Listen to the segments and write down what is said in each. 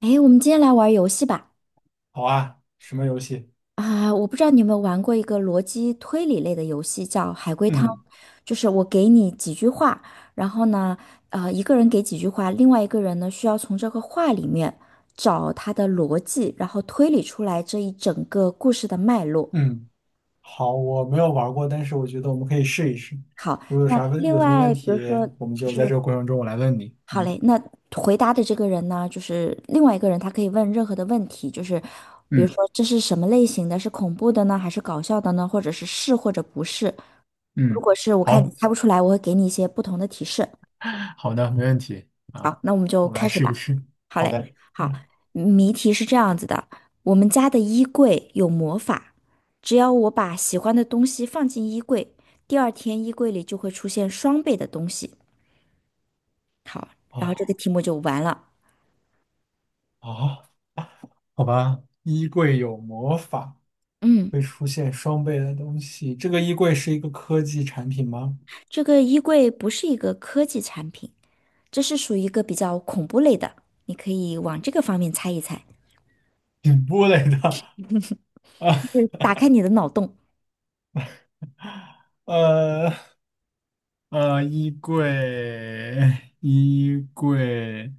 哎，我们今天来玩儿游戏吧。好啊，什么游戏？啊，我不知道你有没有玩过一个逻辑推理类的游戏，叫海龟汤。嗯就是我给你几句话，然后呢，一个人给几句话，另外一个人呢需要从这个话里面找他的逻辑，然后推理出来这一整个故事的脉络。嗯，好，我没有玩过，但是我觉得我们可以试一试。如果有那啥问，另有什么问外，比如题，说，我们就就在是这个过程中我来问你。好嘞，嗯那回答的这个人呢，就是另外一个人，他可以问任何的问题，就是比如说嗯这是什么类型的，是恐怖的呢，还是搞笑的呢，或者是或者不是。如嗯，果是我看你好 猜不出来，我会给你一些不同的提示。好的，没问题好，啊，那我们就我们开来始试一吧。试。好好嘞，的。好，嗯，谜题是这样子的：我们家的衣柜有魔法，只要我把喜欢的东西放进衣柜，第二天衣柜里就会出现双倍的东西，然后这个哦题目就完了。哦，好吧。衣柜有魔法，嗯。会出现双倍的东西。这个衣柜是一个科技产品吗？这个衣柜不是一个科技产品，这是属于一个比较恐怖类的，你可以往这个方面猜一猜，顶部类的啊，就是打开你的脑洞。呃，衣柜，衣柜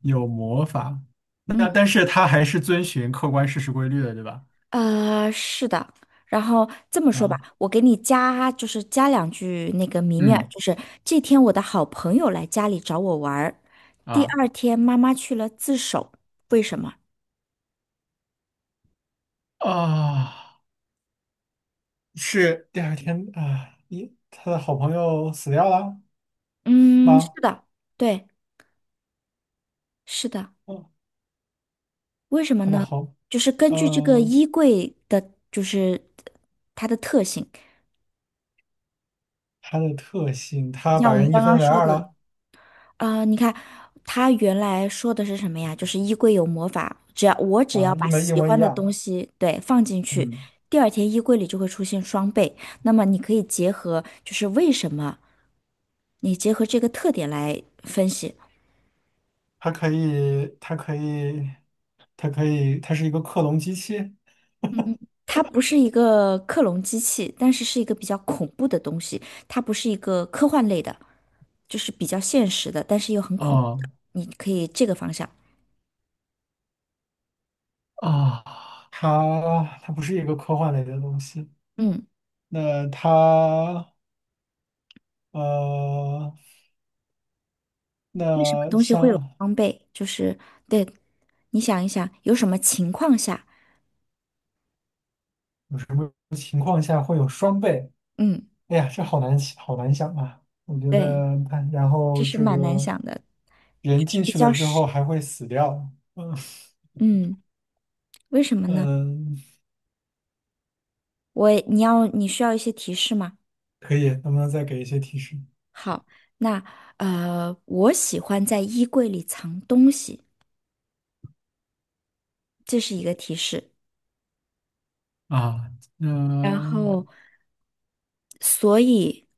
有魔法，那嗯，但是它还是遵循客观事实规律的，对吧？是的。然后这么说吧，啊我给你加，就是加两句那个谜面儿嗯就是这天我的好朋友来家里找我玩儿，第啊，二天妈妈去了自首，为什么？啊，是第二天啊，一他的好朋友死掉了嗯，是吗？的，对，是的，嗯，为什么他的呢？好，就是根据这个嗯，衣柜的，就是它的特性。他的特性，他像把我们人一刚刚分为说，二了啊、你看他原来说的是什么呀？就是衣柜有魔法，只要我啊，把一模一喜模一欢的东样。西对放进去，嗯，第二天衣柜里就会出现双倍。那么你可以结合，就是为什么你结合这个特点来分析。它可以，它可以，它可以，它是一个克隆机器。它不是一个克隆机器，但是是一个比较恐怖的东西。它不是一个科幻类的，就是比较现实的，但是又很恐怖哦的你可以这个方向，啊，它不是一个科幻类的东西。嗯。那它呃，为什么那东西会有像装备？就是对，你想一想，有什么情况下？有什么情况下会有双倍？嗯，哎呀，这好难想好难想啊！我觉对，得它，然这后是这蛮难个想的，就人是进比去较了之是，后还会死掉。嗯嗯，为什么呢？嗯，你要你需要一些提示吗？可以，能不能再给一些提示？好，那我喜欢在衣柜里藏东西，这是一个提示。啊，然后，嗯，所以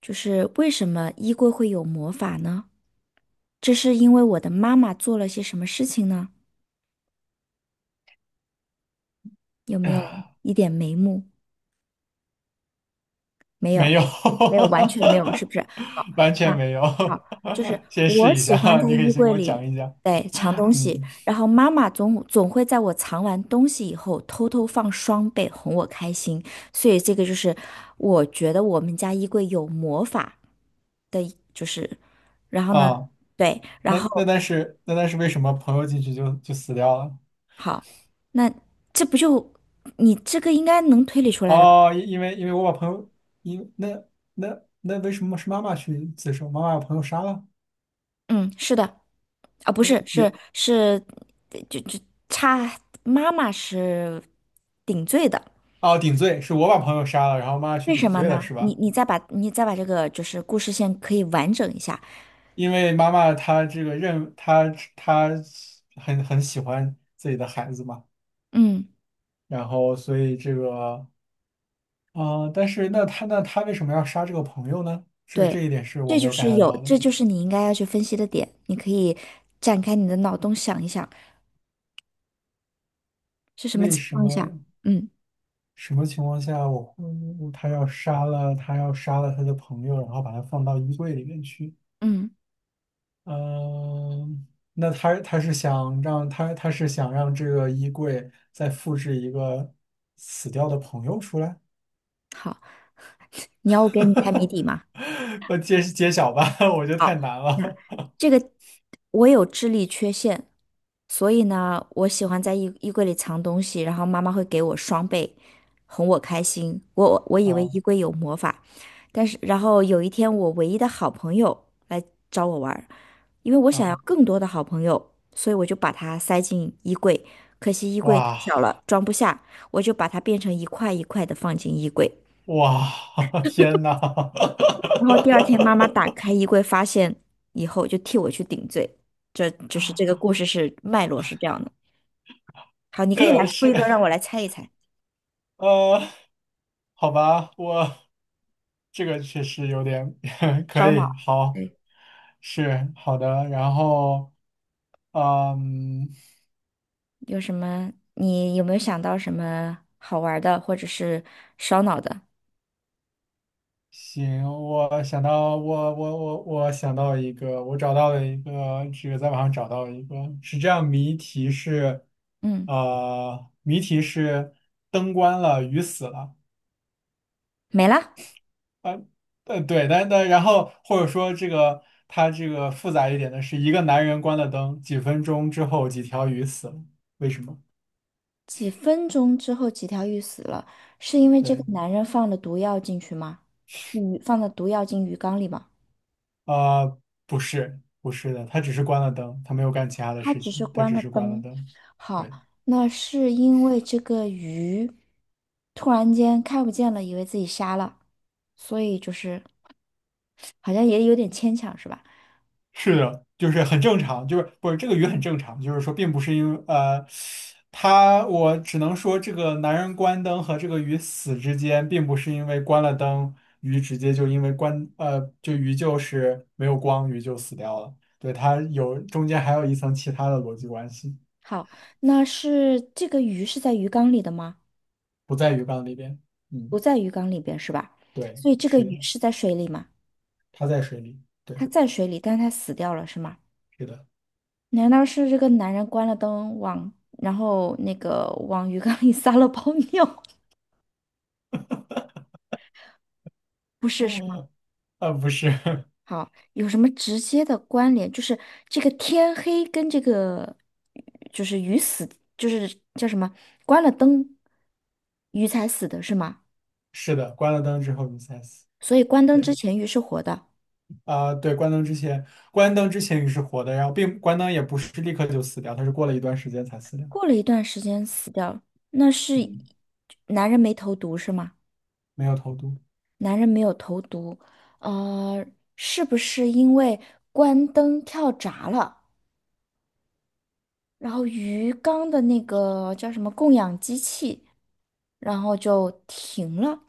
就是为什么衣柜会有魔法呢？这是因为我的妈妈做了些什么事情呢？有没 有一点眉目？没有。没有，没有，完全没有，是不是？好，完那全没有。好，就是 先我试一下，喜欢在你可以衣先给柜我讲里，一讲。对，藏东嗯西，然后妈妈总会在我藏完东西以后偷偷放双倍哄我开心，所以这个就是我觉得我们家衣柜有魔法的一就是，然后呢，啊，对，然那后但是为什么朋友进去就死掉了？好，那这不就这个应该能推理出来了吧哦，因为我把朋友，因那那那为什么是妈妈去自首？妈妈把朋友杀了？嗯，是的。啊，不那是，原是，就差妈妈是顶罪的，哦顶罪是我把朋友杀了，然后妈妈去为顶什么罪了呢？是吧？你再把你再把这个就是故事线可以完整一下，因为妈妈她这个认她她很很喜欢自己的孩子嘛，嗯，然后所以这个啊、但是那她为什么要杀这个朋友呢？这这对，一点是我这没就有 是 get 有，到的。这就是你应该要去分析的点，你可以展开你的脑洞想一想是什么为情什况下，么？嗯什么情况下我会他要杀了他的朋友，然后把他放到衣柜里面去？嗯，嗯，那他是想让这个衣柜再复制一个死掉的朋友出来？好，你要我给你开谜底吗？我揭晓吧，我觉得太难那了。这个我有智力缺陷，所以呢，我喜欢在衣柜里藏东西，然后妈妈会给我双倍，哄我开心。我 以为啊衣柜有魔法，但是然后有一天，我唯一的好朋友来找我玩儿，因为我想要啊！更多的好朋友，所以我就把它塞进衣柜。可惜衣柜太哇小了，装不下，我就把它变成一块一块的放进衣柜。哇！天呐，然后第二天妈妈 打开衣柜发现以后，就替我去顶罪。这就是这个故事是脉络是这样的。好，你可以来这出是一个让我来猜一猜，呃，好吧，我这个确实有点 可烧脑。以，好。对，是好的，然后嗯，有什么？你有没有想到什么好玩儿的，或者是烧脑的？行，我想到一个，我找到了一个，这个在网上找到一个，是这样，谜题是，嗯，谜题是灯关了，鱼死了，没了。呃对，但然后或者说这个它这个复杂一点的是，一个男人关了灯，几分钟之后几条鱼死了，为什么？几分钟之后，几条鱼死了，是因为这个对。男人放了毒药进去吗？鱼放了毒药进鱼缸里吗？呃，不是，不是的，他只是关了灯，他没有干其他的他事只是情，他关只了是关了灯。灯。好，对，那是因为这个鱼突然间看不见了，以为自己瞎了，所以就是好像也有点牵强，是吧？是的，就是很正常，就是不是这个鱼很正常，就是说并不是因为他我只能说这个男人关灯和这个鱼死之间，并不是因为关了灯，鱼直接就因为就鱼就是没有光，鱼就死掉了。对，它有中间还有一层其他的逻辑关系，好，那是这个鱼是在鱼缸里的吗？不在鱼缸里边。不嗯，在鱼缸里边是吧？对，所以这个是的，鱼是在水里吗？它在水里。它对，在水里，但是它死掉了是吗？是的。难道是这个男人关了灯往，然后那个往鱼缸里撒了泡尿？不是，是。嗯，啊不是，好，有什么直接的关联？就是这个天黑跟这个，就是鱼死，就是叫什么？关了灯，鱼才死的是吗？是的，关了灯之后你才死。所以关灯之对，前鱼是活的，啊、对，关灯之前，关灯之前你是活的，然后并关灯也不是立刻就死掉，它是过了一段时间才死掉。过了一段时间死掉，那是嗯，男人没投毒是吗？没有投毒。男人没有投毒，呃，是不是因为关灯跳闸了，然后鱼缸的那个叫什么供氧机器，然后就停了？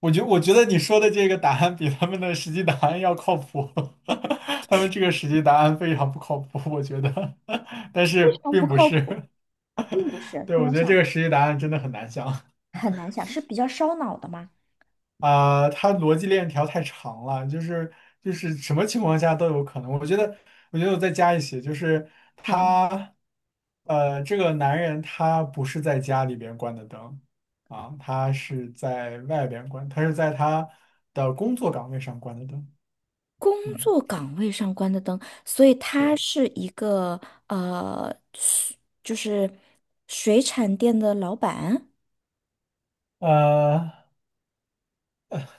我觉得你说的这个答案比他们的实际答案要靠谱，他们这个实际答案非常不靠谱，我觉得，但是嗯，不并不靠谱是。啊，并不 是。对，那我我觉得这想个实际答案真的很难想。很难想，是比较烧脑的吗？啊、他逻辑链条太长了，就是就是什么情况下都有可能。我觉得，我觉得我再加一些，就是好，他，这个男人他不是在家里边关的灯啊，他是在外边关，他是在他的工作岗位上关的灯。工嗯，作岗位上关的灯，所以他对，是一个水就是水产店的老板，呃，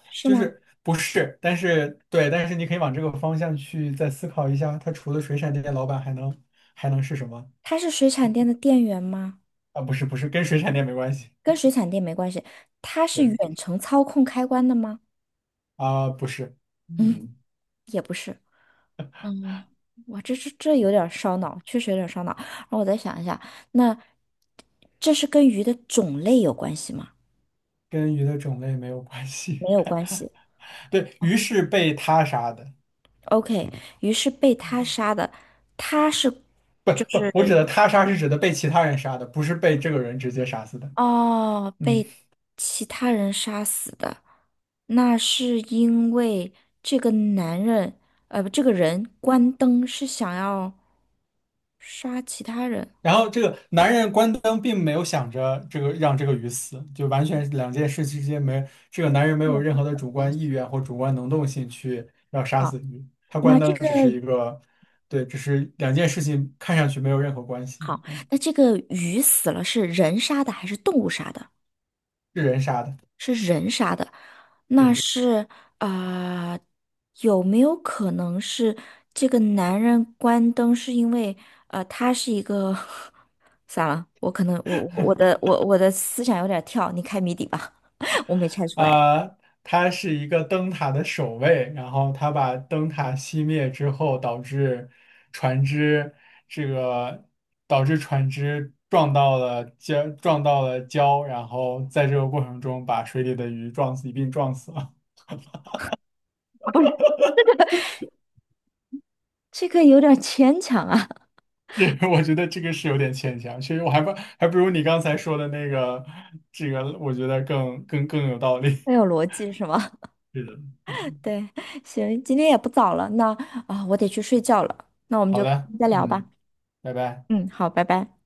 是就吗？是不是，但是对，但是你可以往这个方向去再思考一下，他除了水产店老板还能还能是什么？他是水产店的店员吗？啊，不是不是，跟水产店没关系。跟水产店没关系，他是对。远程操控开关的吗？啊、不是，嗯，嗯，也不是。嗯，哇，这这有点儿烧脑，确实有点儿烧脑。然后我再想一下，那这是跟鱼的种类有关系吗？跟鱼的种类没有关系。没有关系。对，鱼是被他杀的，OK，于是被他杀的，他是不就不，我指是的他杀是指的被其他人杀的，不是被这个人直接杀死的。哦，嗯，被其他人杀死的，那是因为这个男人，不这个人关灯是想要杀其他人。然后这个男人关灯并没有想着这个让这个鱼死，就完全两件事之间没，这个男人没没有任何的主人观意愿或主观能动性去要杀好，死鱼，他关那这灯个只是一个，对，只是两件事情看上去没有任何关系好，啊，那这个鱼死了是人杀的还是动物杀的？是人杀的。是人杀的，那对。是啊、呃有没有可能是这个男人关灯是因为他是一个 算了，我可能我的思想有点跳，你开谜底吧，我没猜出来。啊，他是一个灯塔的守卫，然后他把灯塔熄灭之后，导致船只这个导致船只撞到了礁，撞到了礁，然后在这个过程中把水里的鱼撞死，一并撞死了。不是这个有点牵强啊，这个我觉得这个是有点牵强，其实我还不还不如你刚才说的那个，这个我觉得更更更有道理。要 有逻辑是吗？是的，嗯，对，行，今天也不早了，那啊、我得去睡觉了，那我们好就的，再聊吧。嗯，拜拜。嗯，好，拜拜。